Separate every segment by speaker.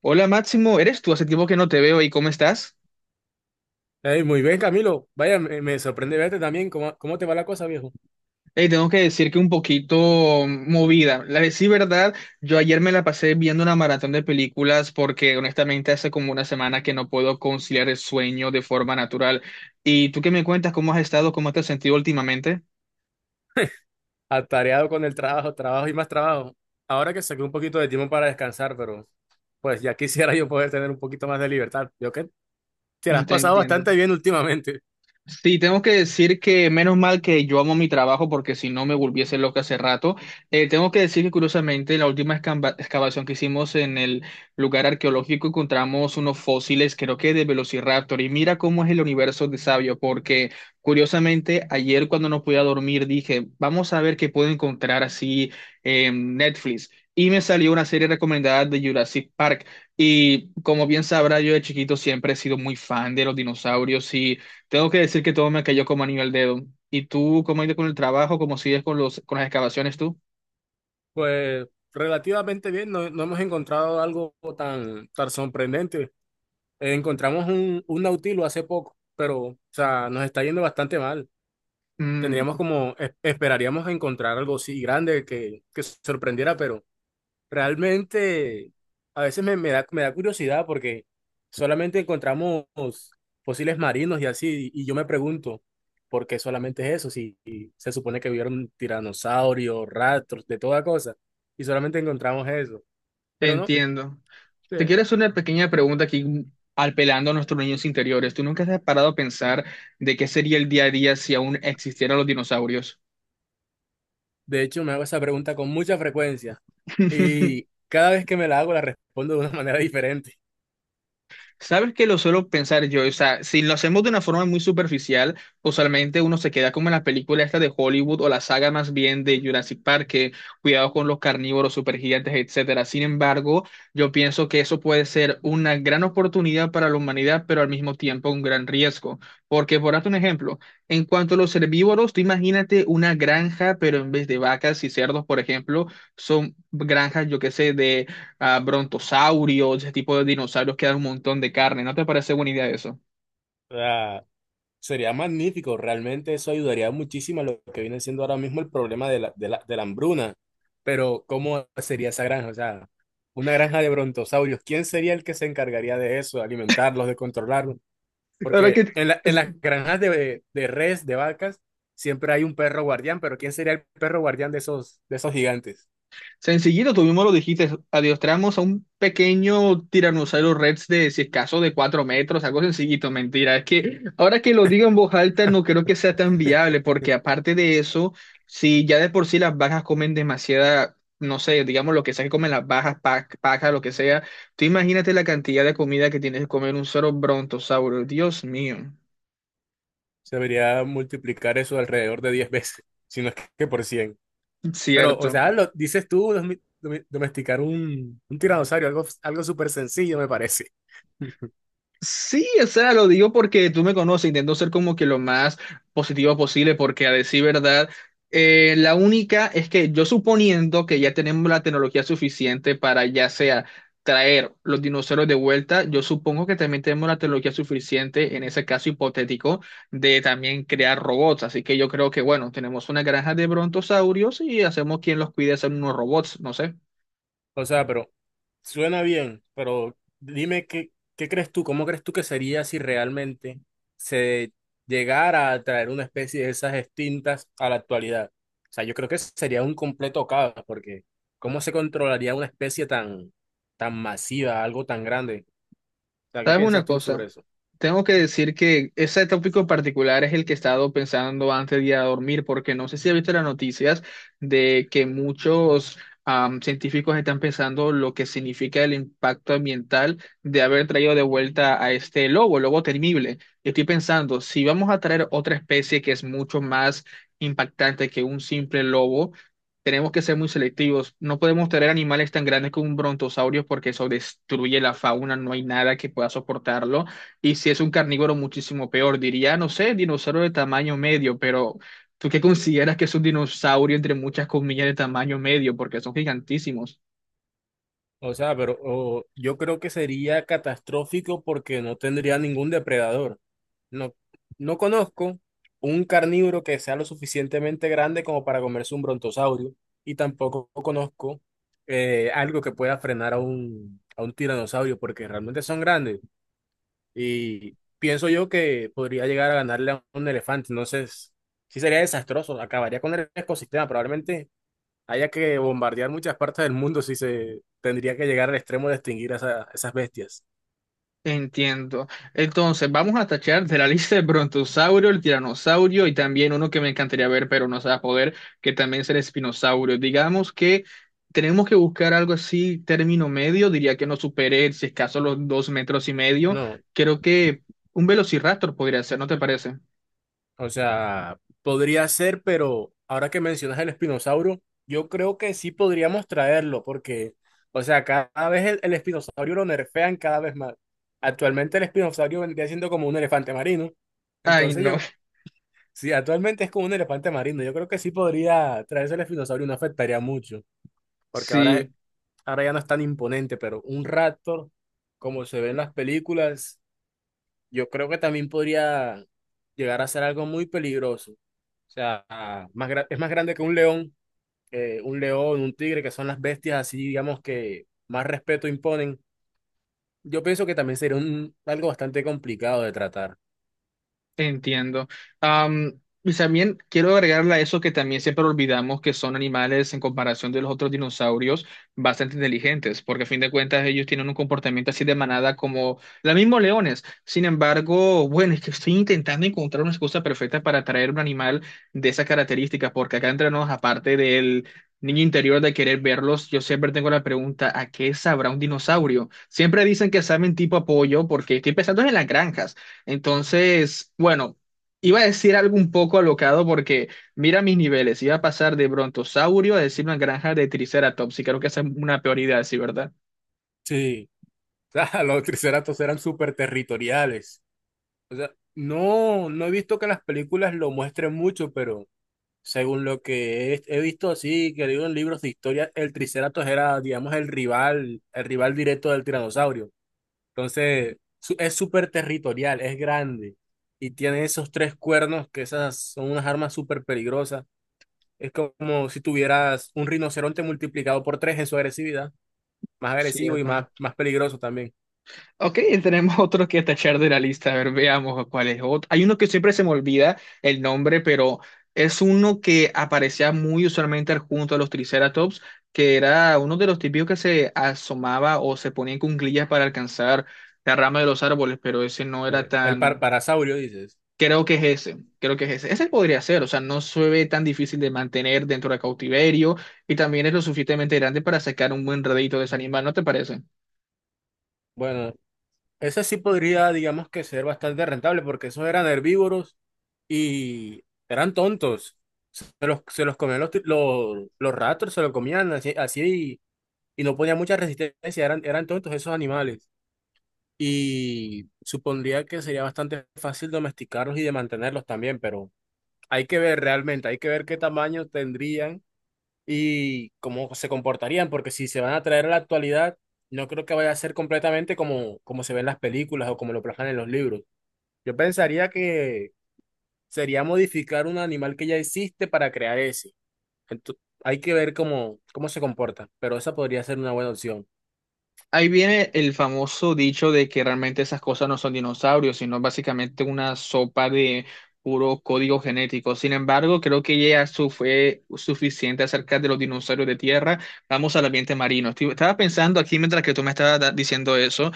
Speaker 1: Hola Máximo, ¿eres tú? Hace tiempo que no te veo y ¿cómo estás?
Speaker 2: Ey, muy bien, Camilo. Vaya, me sorprende verte también. ¿Cómo te va la cosa, viejo?
Speaker 1: Hey, tengo que decir que un poquito movida. La de sí, verdad, yo ayer me la pasé viendo una maratón de películas porque honestamente hace como una semana que no puedo conciliar el sueño de forma natural. ¿Y tú qué me cuentas? ¿Cómo has estado? ¿Cómo te has sentido últimamente?
Speaker 2: Atareado con el trabajo, trabajo y más trabajo. Ahora que saqué un poquito de tiempo para descansar, pero pues ya quisiera yo poder tener un poquito más de libertad. Yo que te la has
Speaker 1: Te
Speaker 2: pasado
Speaker 1: entiendo.
Speaker 2: bastante bien últimamente.
Speaker 1: Sí, tengo que decir que menos mal que yo amo mi trabajo porque si no me volviese loca hace rato. Tengo que decir que curiosamente la última excavación que hicimos en el lugar arqueológico encontramos unos fósiles, creo que de Velociraptor. Y mira cómo es el universo de sabio, porque curiosamente ayer cuando no podía dormir dije, vamos a ver qué puedo encontrar así en Netflix. Y me salió una serie recomendada de Jurassic Park. Y como bien sabrá, yo de chiquito siempre he sido muy fan de los dinosaurios y... Tengo que decir que todo me cayó como anillo al dedo. ¿Y tú cómo has ido con el trabajo? ¿Cómo sigues con con las excavaciones tú?
Speaker 2: Pues relativamente bien, no hemos encontrado algo tan sorprendente. Encontramos un nautilo hace poco, pero o sea, nos está yendo bastante mal.
Speaker 1: Mm,
Speaker 2: Tendríamos como, esperaríamos encontrar algo así grande que sorprendiera, pero. Realmente, a veces me da curiosidad porque solamente encontramos fósiles marinos y así, y yo me pregunto, ¿por qué solamente es eso? Si se supone que vivieron tiranosaurios, rastros, de toda cosa, y solamente encontramos eso.
Speaker 1: te
Speaker 2: Pero no,
Speaker 1: entiendo. Te
Speaker 2: de,
Speaker 1: quiero hacer una pequeña pregunta aquí, apelando a nuestros niños interiores. ¿Tú nunca te has parado a pensar de qué sería el día a día si aún existieran los dinosaurios?
Speaker 2: de hecho me hago esa pregunta con mucha frecuencia, y cada vez que me la hago la respondo de una manera diferente.
Speaker 1: Sabes que lo suelo pensar yo, o sea, si lo hacemos de una forma muy superficial, usualmente uno se queda como en la película esta de Hollywood o la saga más bien de Jurassic Park, que cuidado con los carnívoros, supergigantes, etcétera. Sin embargo, yo pienso que eso puede ser una gran oportunidad para la humanidad, pero al mismo tiempo un gran riesgo. Porque, por darte un ejemplo, en cuanto a los herbívoros, tú imagínate una granja, pero en vez de vacas y cerdos, por ejemplo, son granjas, yo qué sé, de a brontosaurios, ese tipo de dinosaurios que dan un montón de carne. ¿No te parece buena idea eso?
Speaker 2: O sea, sería magnífico, realmente eso ayudaría muchísimo a lo que viene siendo ahora mismo el problema de la hambruna. Pero, ¿cómo sería esa granja? O sea, una granja de brontosaurios, ¿quién sería el que se encargaría de eso, de alimentarlos, de controlarlos?
Speaker 1: La verdad
Speaker 2: Porque
Speaker 1: que
Speaker 2: en
Speaker 1: es-
Speaker 2: las granjas de res, de vacas, siempre hay un perro guardián, pero ¿quién sería el perro guardián de esos gigantes?
Speaker 1: Sencillito, tú mismo lo dijiste, adiestramos a un pequeño tiranosaurio rex de, si es caso, de cuatro metros, algo sencillito, mentira. Es que ahora que lo digo en voz alta, no creo que sea tan viable, porque aparte de eso, si ya de por sí las bajas comen demasiada, no sé, digamos lo que sea que comen las bajas, paja, lo que sea, tú imagínate la cantidad de comida que tienes que comer un solo brontosaurio, Dios mío,
Speaker 2: Se debería multiplicar eso alrededor de 10 veces, si no es que por 100. Pero, o
Speaker 1: cierto.
Speaker 2: sea, lo dices tú, domesticar un tiranosaurio, algo súper sencillo me parece.
Speaker 1: Sí, o sea, lo digo porque tú me conoces, intento ser como que lo más positivo posible, porque a decir verdad, la única es que yo suponiendo que ya tenemos la tecnología suficiente para ya sea traer los dinosaurios de vuelta, yo supongo que también tenemos la tecnología suficiente en ese caso hipotético de también crear robots, así que yo creo que bueno, tenemos una granja de brontosaurios y hacemos quien los cuide hacer unos robots, no sé.
Speaker 2: O sea, pero suena bien, pero dime qué crees tú, cómo crees tú que sería si realmente se llegara a traer una especie de esas extintas a la actualidad. O sea, yo creo que sería un completo caos, porque ¿cómo se controlaría una especie tan masiva, algo tan grande? O sea, ¿qué
Speaker 1: ¿Sabes
Speaker 2: piensas
Speaker 1: una
Speaker 2: tú sobre
Speaker 1: cosa?
Speaker 2: eso?
Speaker 1: Tengo que decir que ese tópico en particular es el que he estado pensando antes de ir a dormir, porque no sé si has visto las noticias de que muchos científicos están pensando lo que significa el impacto ambiental de haber traído de vuelta a este lobo, el lobo temible. Y estoy pensando, si vamos a traer otra especie que es mucho más impactante que un simple lobo, tenemos que ser muy selectivos. No podemos traer animales tan grandes como un brontosaurio porque eso destruye la fauna, no hay nada que pueda soportarlo. Y si es un carnívoro muchísimo peor, diría, no sé, dinosaurio de tamaño medio, pero ¿tú qué consideras que es un dinosaurio entre muchas comillas de tamaño medio? Porque son gigantísimos.
Speaker 2: O sea, pero yo creo que sería catastrófico porque no tendría ningún depredador. No, no conozco un carnívoro que sea lo suficientemente grande como para comerse un brontosaurio y tampoco conozco algo que pueda frenar a un tiranosaurio porque realmente son grandes y pienso yo que podría llegar a ganarle a un elefante. Entonces, sí sería desastroso, acabaría con el ecosistema. Probablemente haya que bombardear muchas partes del mundo si se tendría que llegar al extremo de extinguir a esas bestias.
Speaker 1: Entiendo. Entonces, vamos a tachar de la lista el brontosaurio, el tiranosaurio y también uno que me encantaría ver, pero no se va a poder, que también es el espinosaurio. Digamos que tenemos que buscar algo así, término medio, diría que no supere, si es caso, los dos metros y medio.
Speaker 2: No,
Speaker 1: Creo que un velociraptor podría ser, ¿no te parece?
Speaker 2: o sea, podría ser, pero ahora que mencionas el espinosauro, yo creo que sí podríamos traerlo, porque, o sea, cada vez el espinosaurio lo nerfean cada vez más. Actualmente el espinosaurio vendría siendo como un elefante marino.
Speaker 1: Ay,
Speaker 2: Entonces
Speaker 1: no.
Speaker 2: yo, sí, actualmente es como un elefante marino, yo creo que sí podría traerse el espinosaurio, y no afectaría mucho, porque ahora
Speaker 1: Sí,
Speaker 2: ahora ya no es tan imponente, pero un Raptor, como se ve en las películas, yo creo que también podría llegar a ser algo muy peligroso. O sea, más es más grande que un león, un tigre, que son las bestias así, digamos, que más respeto imponen. Yo pienso que también sería algo bastante complicado de tratar.
Speaker 1: entiendo. Am, y también quiero agregarle a eso que también siempre olvidamos que son animales en comparación de los otros dinosaurios bastante inteligentes, porque a fin de cuentas ellos tienen un comportamiento así de manada como los mismos leones. Sin embargo, bueno, es que estoy intentando encontrar una excusa perfecta para traer un animal de esas características, porque acá entre nos, aparte del niño interior de querer verlos, yo siempre tengo la pregunta, ¿a qué sabrá un dinosaurio? Siempre dicen que saben tipo apoyo, porque estoy pensando en las granjas. Entonces, bueno, iba a decir algo un poco alocado porque mira mis niveles, iba a pasar de brontosaurio a decir una granja de triceratops y creo que esa es una peor idea, sí, ¿verdad?
Speaker 2: Sí, o sea, los triceratops eran súper territoriales. No he visto que las películas lo muestren mucho, pero. Según lo que he visto así, que digo en libros de historia, el Triceratops era, digamos, el rival directo del tiranosaurio. Entonces, es súper territorial, es grande y tiene esos tres cuernos, que esas son unas armas súper peligrosas. Es como si tuvieras un rinoceronte multiplicado por tres en su agresividad, más agresivo y
Speaker 1: Cierto.
Speaker 2: más peligroso también.
Speaker 1: Ok, tenemos otro que tachar de la lista, a ver, veamos cuál es otro. Hay uno que siempre se me olvida el nombre, pero es uno que aparecía muy usualmente junto a los triceratops, que era uno de los típicos que se asomaba o se ponía en cuclillas para alcanzar la rama de los árboles, pero ese no era
Speaker 2: El
Speaker 1: tan
Speaker 2: par- parasaurio, dices.
Speaker 1: Creo que es ese, creo que es ese. Ese podría ser, o sea, no se ve tan difícil de mantener dentro de cautiverio y también es lo suficientemente grande para sacar un buen redito de ese animal, ¿no te parece?
Speaker 2: Bueno, ese sí podría, digamos que ser bastante rentable, porque esos eran herbívoros y eran tontos. Se los comían los ratos, se los comían así, así y no ponían mucha resistencia, eran tontos esos animales. Y supondría que sería bastante fácil domesticarlos y de mantenerlos también, pero hay que ver realmente, hay que ver qué tamaño tendrían y cómo se comportarían, porque si se van a traer a la actualidad, no creo que vaya a ser completamente como se ven las películas o como lo plasman en los libros. Yo pensaría que sería modificar un animal que ya existe para crear ese. Entonces, hay que ver cómo se comporta, pero esa podría ser una buena opción.
Speaker 1: Ahí viene el famoso dicho de que realmente esas cosas no son dinosaurios, sino básicamente una sopa de puro código genético. Sin embargo, creo que ya su fue suficiente acerca de los dinosaurios de tierra. Vamos al ambiente marino. Estaba pensando aquí mientras que tú me estabas diciendo eso.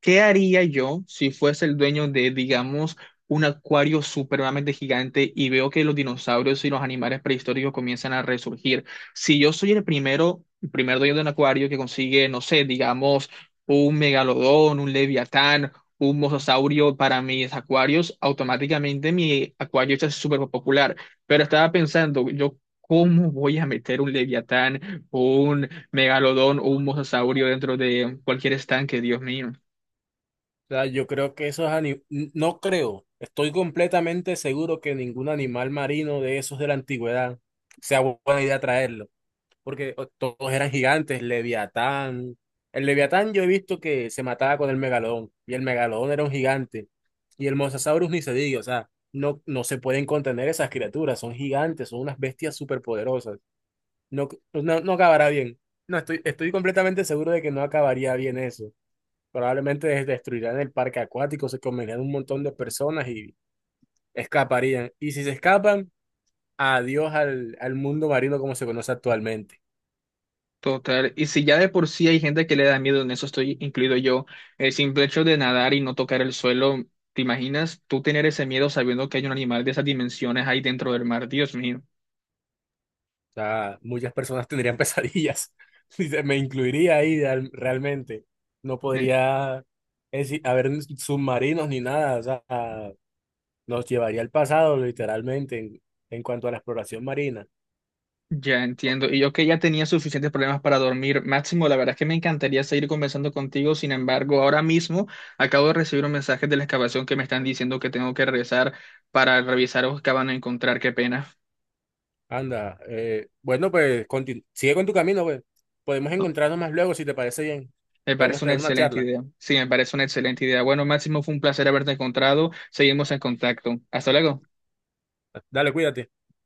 Speaker 1: ¿Qué haría yo si fuese el dueño de, digamos, un acuario supremamente gigante y veo que los dinosaurios y los animales prehistóricos comienzan a resurgir? Si yo soy el primero, el primer dueño de un acuario que consigue, no sé, digamos, un megalodón, un leviatán, un mosasaurio para mis acuarios, automáticamente mi acuario es súper popular. Pero estaba pensando, yo, ¿cómo voy a meter un leviatán, un megalodón o un mosasaurio dentro de cualquier estanque? Dios mío.
Speaker 2: O sea, yo creo que esos animales, no creo, estoy completamente seguro que ningún animal marino de esos de la antigüedad sea buena idea traerlo. Porque todos eran gigantes, Leviatán. El Leviatán yo he visto que se mataba con el Megalodón, y el Megalodón era un gigante, y el Mosasaurus ni se diga, o sea, no se pueden contener esas criaturas, son gigantes, son unas bestias superpoderosas. No, no, no acabará bien. No, estoy completamente seguro de que no acabaría bien eso. Probablemente destruirán el parque acuático, se comerían un montón de personas y escaparían. Y si se escapan, adiós al mundo marino como se conoce actualmente.
Speaker 1: Total, y si ya de por sí hay gente que le da miedo, en eso estoy incluido yo, el simple hecho de nadar y no tocar el suelo, ¿te imaginas tú tener ese miedo sabiendo que hay un animal de esas dimensiones ahí dentro del mar? Dios mío,
Speaker 2: O sea, muchas personas tendrían pesadillas. Y me incluiría ahí realmente. No
Speaker 1: Eh,
Speaker 2: podría haber submarinos ni nada. O sea, nos llevaría al pasado literalmente en cuanto a la exploración marina.
Speaker 1: ya entiendo. Y yo que ya tenía suficientes problemas para dormir. Máximo, la verdad es que me encantaría seguir conversando contigo, sin embargo, ahora mismo acabo de recibir un mensaje de la excavación que me están diciendo que tengo que regresar para revisar o que van a encontrar, qué pena.
Speaker 2: Anda, bueno, pues sigue con tu camino, pues. Podemos encontrarnos más luego si te parece bien.
Speaker 1: Me
Speaker 2: Podemos
Speaker 1: parece una
Speaker 2: tener una
Speaker 1: excelente
Speaker 2: charla.
Speaker 1: idea. Sí, me parece una excelente idea. Bueno, Máximo, fue un placer haberte encontrado. Seguimos en contacto. Hasta luego.
Speaker 2: Dale, cuídate.